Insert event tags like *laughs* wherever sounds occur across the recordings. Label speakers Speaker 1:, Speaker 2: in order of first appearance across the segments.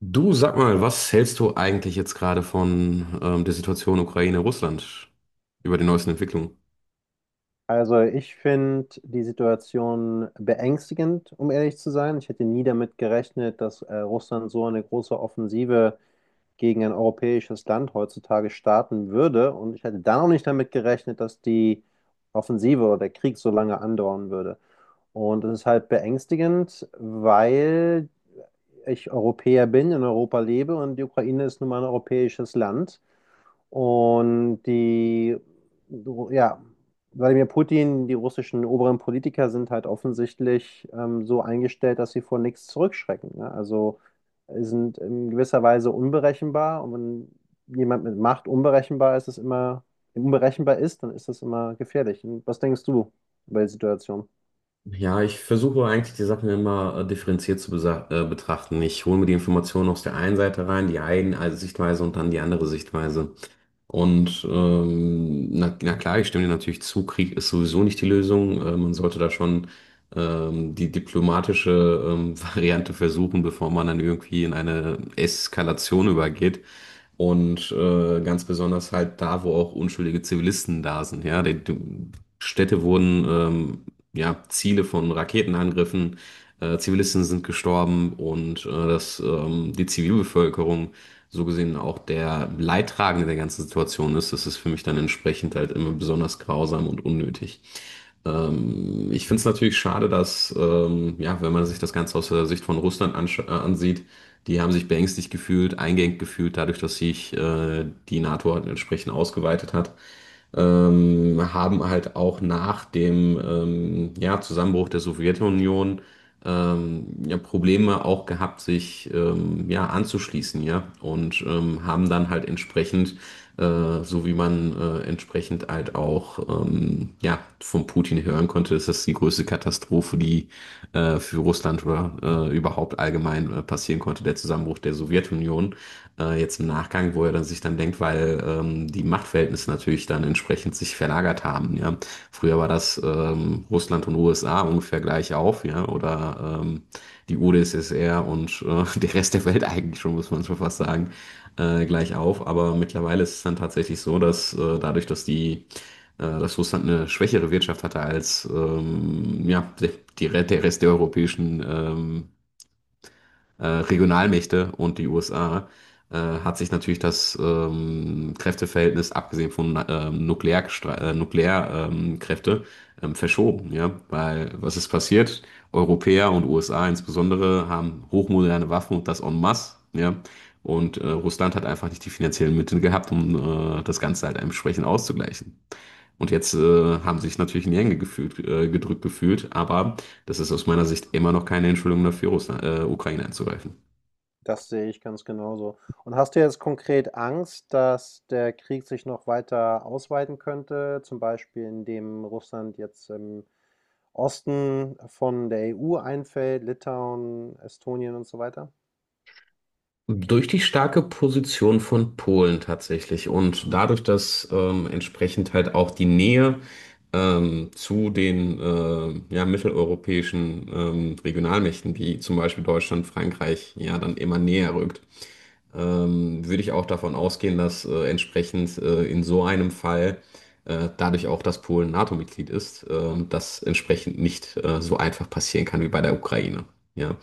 Speaker 1: Du, sag mal, was hältst du eigentlich jetzt gerade von der Situation Ukraine-Russland über die neuesten Entwicklungen?
Speaker 2: Also ich finde die Situation beängstigend, um ehrlich zu sein. Ich hätte nie damit gerechnet, dass Russland so eine große Offensive gegen ein europäisches Land heutzutage starten würde. Und ich hätte da noch nicht damit gerechnet, dass die Offensive oder der Krieg so lange andauern würde. Und es ist halt beängstigend, weil ich Europäer bin, in Europa lebe und die Ukraine ist nun mal ein europäisches Land. Und ja, Wladimir Putin, die russischen oberen Politiker sind halt offensichtlich so eingestellt, dass sie vor nichts zurückschrecken, ne? Also sind in gewisser Weise unberechenbar. Und wenn jemand mit Macht unberechenbar ist, dann ist das immer gefährlich. Und was denkst du über die Situation?
Speaker 1: Ja, ich versuche eigentlich die Sachen immer differenziert zu betrachten. Ich hole mir die Informationen aus der einen Seite rein, die eine also Sichtweise und dann die andere Sichtweise. Und na klar, ich stimme dir natürlich zu, Krieg ist sowieso nicht die Lösung. Man sollte da schon die diplomatische *laughs* Variante versuchen, bevor man dann irgendwie in eine Eskalation übergeht. Und ganz besonders halt da, wo auch unschuldige Zivilisten da sind. Ja, die Städte wurden ja, Ziele von Raketenangriffen, Zivilisten sind gestorben, und dass die Zivilbevölkerung so gesehen auch der Leidtragende der ganzen Situation ist, das ist für mich dann entsprechend halt immer besonders grausam und unnötig. Ich finde es natürlich schade, dass, ja, wenn man sich das Ganze aus der Sicht von Russland ansieht, die haben sich beängstigt gefühlt, eingeengt gefühlt, dadurch, dass sich die NATO halt entsprechend ausgeweitet hat, haben halt auch nach dem ja, Zusammenbruch der Sowjetunion ja, Probleme auch gehabt, sich ja, anzuschließen, ja, und haben dann halt entsprechend, so wie man entsprechend halt auch ja, von Putin hören konnte, ist das die größte Katastrophe, die für Russland oder überhaupt allgemein passieren konnte, der Zusammenbruch der Sowjetunion. Jetzt im Nachgang, wo er dann sich dann denkt, weil die Machtverhältnisse natürlich dann entsprechend sich verlagert haben. Ja. Früher war das Russland und USA ungefähr gleich auf, ja, oder die UdSSR und *laughs* der Rest der Welt, eigentlich schon, muss man schon fast sagen, gleich auf. Aber mittlerweile ist es dann tatsächlich so, dass dadurch, dass die dass Russland eine schwächere Wirtschaft hatte als ja, der Rest der europäischen Regionalmächte und die USA, hat sich natürlich das Kräfteverhältnis, abgesehen von Nuklearkräfte, Kräfte, verschoben. Ja? Weil was ist passiert? Europäer und USA insbesondere haben hochmoderne Waffen, und das en masse. Ja? Und Russland hat einfach nicht die finanziellen Mittel gehabt, um das Ganze halt entsprechend auszugleichen. Und jetzt haben sie sich natürlich in die Enge gefühlt, gedrückt gefühlt, aber das ist aus meiner Sicht immer noch keine Entschuldigung dafür, Ukraine anzugreifen.
Speaker 2: Das sehe ich ganz genauso. Und hast du jetzt konkret Angst, dass der Krieg sich noch weiter ausweiten könnte, zum Beispiel indem Russland jetzt im Osten von der EU einfällt, Litauen, Estonien und so weiter?
Speaker 1: Durch die starke Position von Polen tatsächlich und dadurch, dass entsprechend halt auch die Nähe zu den ja, mitteleuropäischen Regionalmächten wie zum Beispiel Deutschland, Frankreich ja dann immer näher rückt, würde ich auch davon ausgehen, dass entsprechend in so einem Fall dadurch auch, dass Polen NATO-Mitglied ist, das entsprechend nicht so einfach passieren kann wie bei der Ukraine. Ja.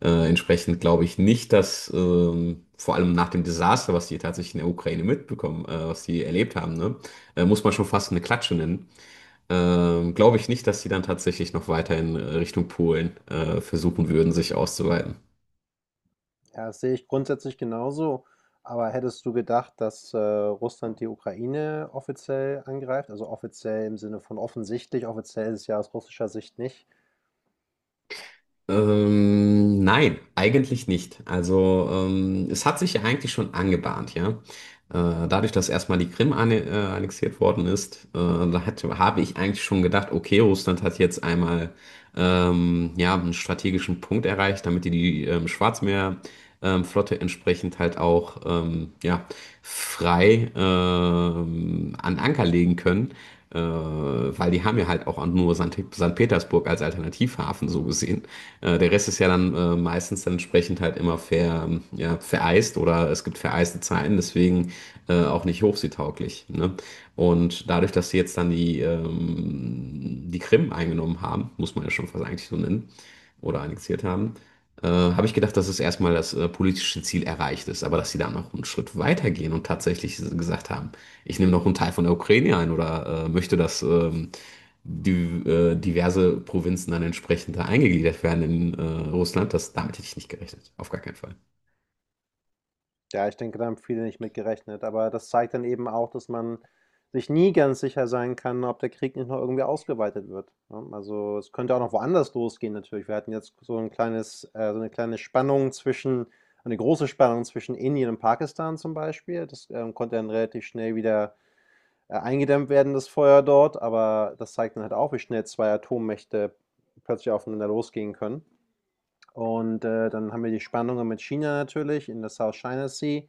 Speaker 1: Entsprechend glaube ich nicht, dass, vor allem nach dem Desaster, was die tatsächlich in der Ukraine mitbekommen, was die erlebt haben, ne, muss man schon fast eine Klatsche nennen. Glaube ich nicht, dass die dann tatsächlich noch weiter in Richtung Polen versuchen würden, sich auszuweiten.
Speaker 2: Ja, das sehe ich grundsätzlich genauso. Aber hättest du gedacht, dass Russland die Ukraine offiziell angreift? Also offiziell im Sinne von offensichtlich, offiziell ist es ja aus russischer Sicht nicht.
Speaker 1: Nein, eigentlich nicht. Also es hat sich ja eigentlich schon angebahnt, ja. Dadurch, dass erstmal die Krim annexiert worden ist, habe ich eigentlich schon gedacht, okay, Russland hat jetzt einmal ja, einen strategischen Punkt erreicht, damit die die Schwarzmeerflotte, Flotte entsprechend halt auch ja, frei an Anker legen können, weil die haben ja halt auch nur St. Petersburg als Alternativhafen so gesehen. Der Rest ist ja dann meistens dann entsprechend halt immer ja, vereist, oder es gibt vereiste Zeiten, deswegen auch nicht hochseetauglich. Ne? Und dadurch, dass sie jetzt dann die Krim eingenommen haben, muss man ja schon fast eigentlich so nennen, oder annexiert haben, habe ich gedacht, dass es erstmal das politische Ziel erreicht ist, aber dass sie da noch einen Schritt weitergehen und tatsächlich gesagt haben, ich nehme noch einen Teil von der Ukraine ein, oder möchte, dass die, diverse Provinzen dann entsprechend da eingegliedert werden in Russland, damit hätte ich nicht gerechnet. Auf gar keinen Fall.
Speaker 2: Ja, ich denke, da haben viele nicht mit gerechnet, aber das zeigt dann eben auch, dass man sich nie ganz sicher sein kann, ob der Krieg nicht noch irgendwie ausgeweitet wird, ne? Also, es könnte auch noch woanders losgehen natürlich. Wir hatten jetzt so 'n kleines so eine kleine Spannung zwischen eine große Spannung zwischen Indien und Pakistan zum Beispiel. Das konnte dann relativ schnell wieder eingedämmt werden, das Feuer dort, aber das zeigt dann halt auch, wie schnell 2 Atommächte plötzlich aufeinander losgehen können. Und dann haben wir die Spannungen mit China natürlich in der South China Sea.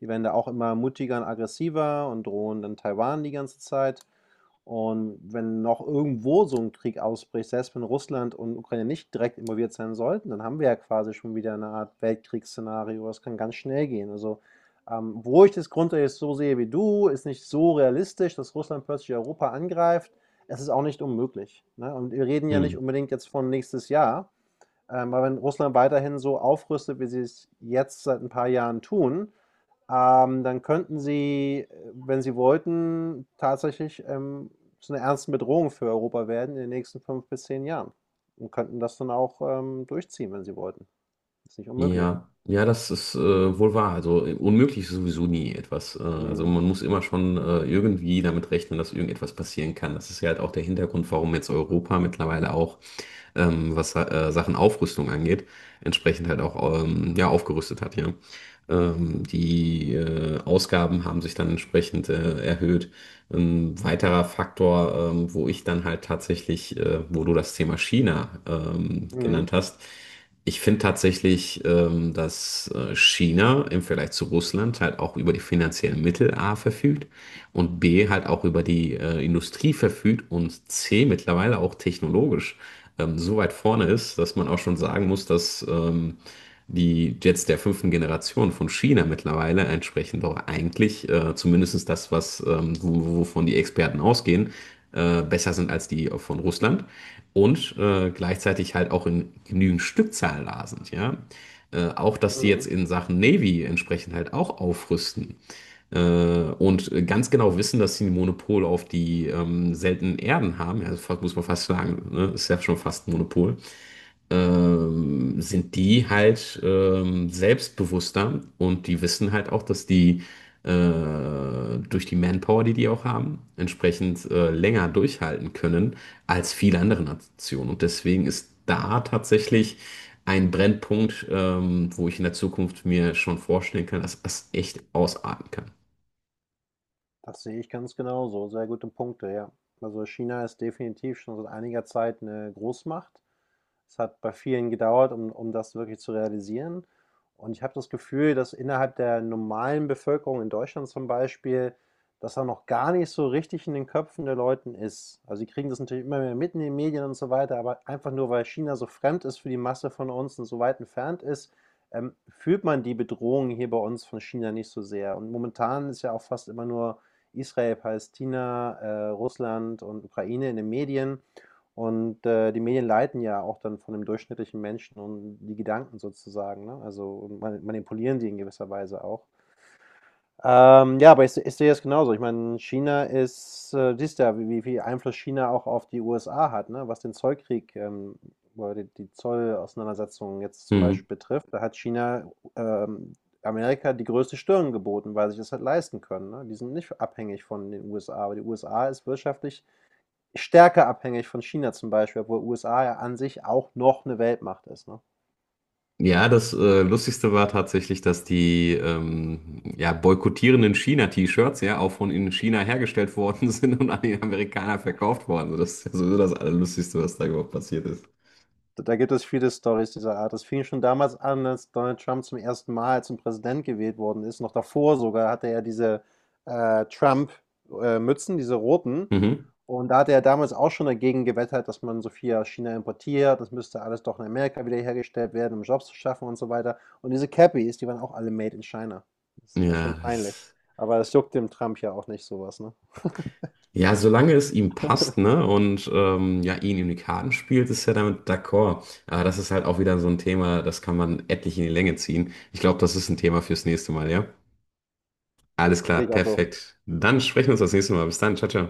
Speaker 2: Die werden da auch immer mutiger und aggressiver und drohen dann Taiwan die ganze Zeit. Und wenn noch irgendwo so ein Krieg ausbricht, selbst wenn Russland und Ukraine nicht direkt involviert sein sollten, dann haben wir ja quasi schon wieder eine Art Weltkriegsszenario. Das kann ganz schnell gehen. Also, wo ich das grundsätzlich so sehe wie du, ist nicht so realistisch, dass Russland plötzlich Europa angreift. Es ist auch nicht unmöglich. Ne? Und wir reden ja
Speaker 1: Hm.
Speaker 2: nicht unbedingt jetzt von nächstes Jahr, weil wenn Russland weiterhin so aufrüstet, wie sie es jetzt seit ein paar Jahren tun, dann könnten sie, wenn sie wollten, tatsächlich zu einer ernsten Bedrohung für Europa werden in den nächsten fünf bis zehn Jahren. Und könnten das dann auch durchziehen, wenn sie wollten. Ist nicht unmöglich.
Speaker 1: Ja, ja, das ist wohl wahr. Also unmöglich ist sowieso nie etwas. Also
Speaker 2: Mhm.
Speaker 1: man muss immer schon irgendwie damit rechnen, dass irgendetwas passieren kann. Das ist ja halt auch der Hintergrund, warum jetzt Europa mittlerweile auch, was Sachen Aufrüstung angeht, entsprechend halt auch ja, aufgerüstet hat, ja. Die Ausgaben haben sich dann entsprechend erhöht. Ein weiterer Faktor, wo ich dann halt tatsächlich, wo du das Thema China
Speaker 2: Mhm.
Speaker 1: genannt hast: ich finde tatsächlich, dass China im Vergleich zu Russland halt auch über die finanziellen Mittel A verfügt, und B halt auch über die Industrie verfügt, und C mittlerweile auch technologisch so weit vorne ist, dass man auch schon sagen muss, dass die Jets der fünften Generation von China mittlerweile entsprechen doch eigentlich, zumindest das, wovon die Experten ausgehen, besser sind als die von Russland und gleichzeitig halt auch in genügend Stückzahl da sind, ja. Auch, dass sie jetzt
Speaker 2: Mhm.
Speaker 1: in Sachen Navy entsprechend halt auch aufrüsten und ganz genau wissen, dass sie ein Monopol auf die seltenen Erden haben. Ja, das muss man fast sagen, ne? Ist ja schon fast ein Monopol. Sind die halt selbstbewusster, und die wissen halt auch, dass die durch die Manpower, die die auch haben, entsprechend länger durchhalten können als viele andere Nationen. Und deswegen ist da tatsächlich ein Brennpunkt, wo ich in der Zukunft mir schon vorstellen kann, dass das echt ausarten
Speaker 2: Das sehe ich ganz genauso. Sehr gute Punkte, ja. Also China ist definitiv schon seit einiger Zeit eine Großmacht. Es hat bei vielen gedauert, um das wirklich zu realisieren. Und ich habe das Gefühl, dass innerhalb der normalen Bevölkerung in Deutschland zum Beispiel, dass da noch gar nicht so richtig in den Köpfen der Leuten ist. Also sie kriegen das natürlich immer mehr mit in den Medien und so weiter, aber einfach nur weil China so fremd ist für die Masse von uns und so weit entfernt ist, fühlt man die Bedrohung hier bei uns von China nicht so sehr. Und momentan ist ja auch fast immer nur Israel, Palästina, Russland und Ukraine in den Medien. Und die Medien leiten ja auch dann von dem durchschnittlichen Menschen und die Gedanken sozusagen, ne? Also und manipulieren die in gewisser Weise auch. Ja, aber ich sehe es genauso. Ich meine, China ist, siehst du ja, wie viel Einfluss China auch auf die USA hat, ne? Was den Zollkrieg oder die Zollauseinandersetzungen jetzt zum
Speaker 1: kann.
Speaker 2: Beispiel betrifft. Da hat China Amerika die größte Stirn geboten, weil sie sich das halt leisten können, ne? Die sind nicht abhängig von den USA, aber die USA ist wirtschaftlich stärker abhängig von China zum Beispiel, obwohl USA ja an sich auch noch eine Weltmacht ist, ne?
Speaker 1: Ja, das Lustigste war tatsächlich, dass die ja, boykottierenden China-T-Shirts ja auch von in China hergestellt worden *laughs* sind und an die Amerikaner verkauft worden. Also das ist ja sowieso das Allerlustigste, was da überhaupt passiert ist.
Speaker 2: Da gibt es viele Storys dieser Art. Das fing schon damals an, als Donald Trump zum ersten Mal zum Präsident gewählt worden ist. Noch davor sogar hatte er diese Trump, Mützen, diese roten.
Speaker 1: Mhm.
Speaker 2: Und da hatte er damals auch schon dagegen gewettert, dass man so viel aus China importiert. Das müsste alles doch in Amerika wieder hergestellt werden, um Jobs zu schaffen und so weiter. Und diese Cappies, die waren auch alle made in China. Das ist echt
Speaker 1: Ja,
Speaker 2: schon peinlich.
Speaker 1: das,
Speaker 2: Aber das juckt dem Trump ja auch nicht so was, ne?
Speaker 1: ja, solange es ihm passt, ne, und ja, ihn in die Karten spielt, ist er damit d'accord. Aber das ist halt auch wieder so ein Thema, das kann man etlich in die Länge ziehen. Ich glaube, das ist ein Thema fürs nächste Mal, ja? Alles klar,
Speaker 2: Sehe ich auch so.
Speaker 1: perfekt. Dann sprechen wir uns das nächste Mal. Bis dann, ciao, ciao.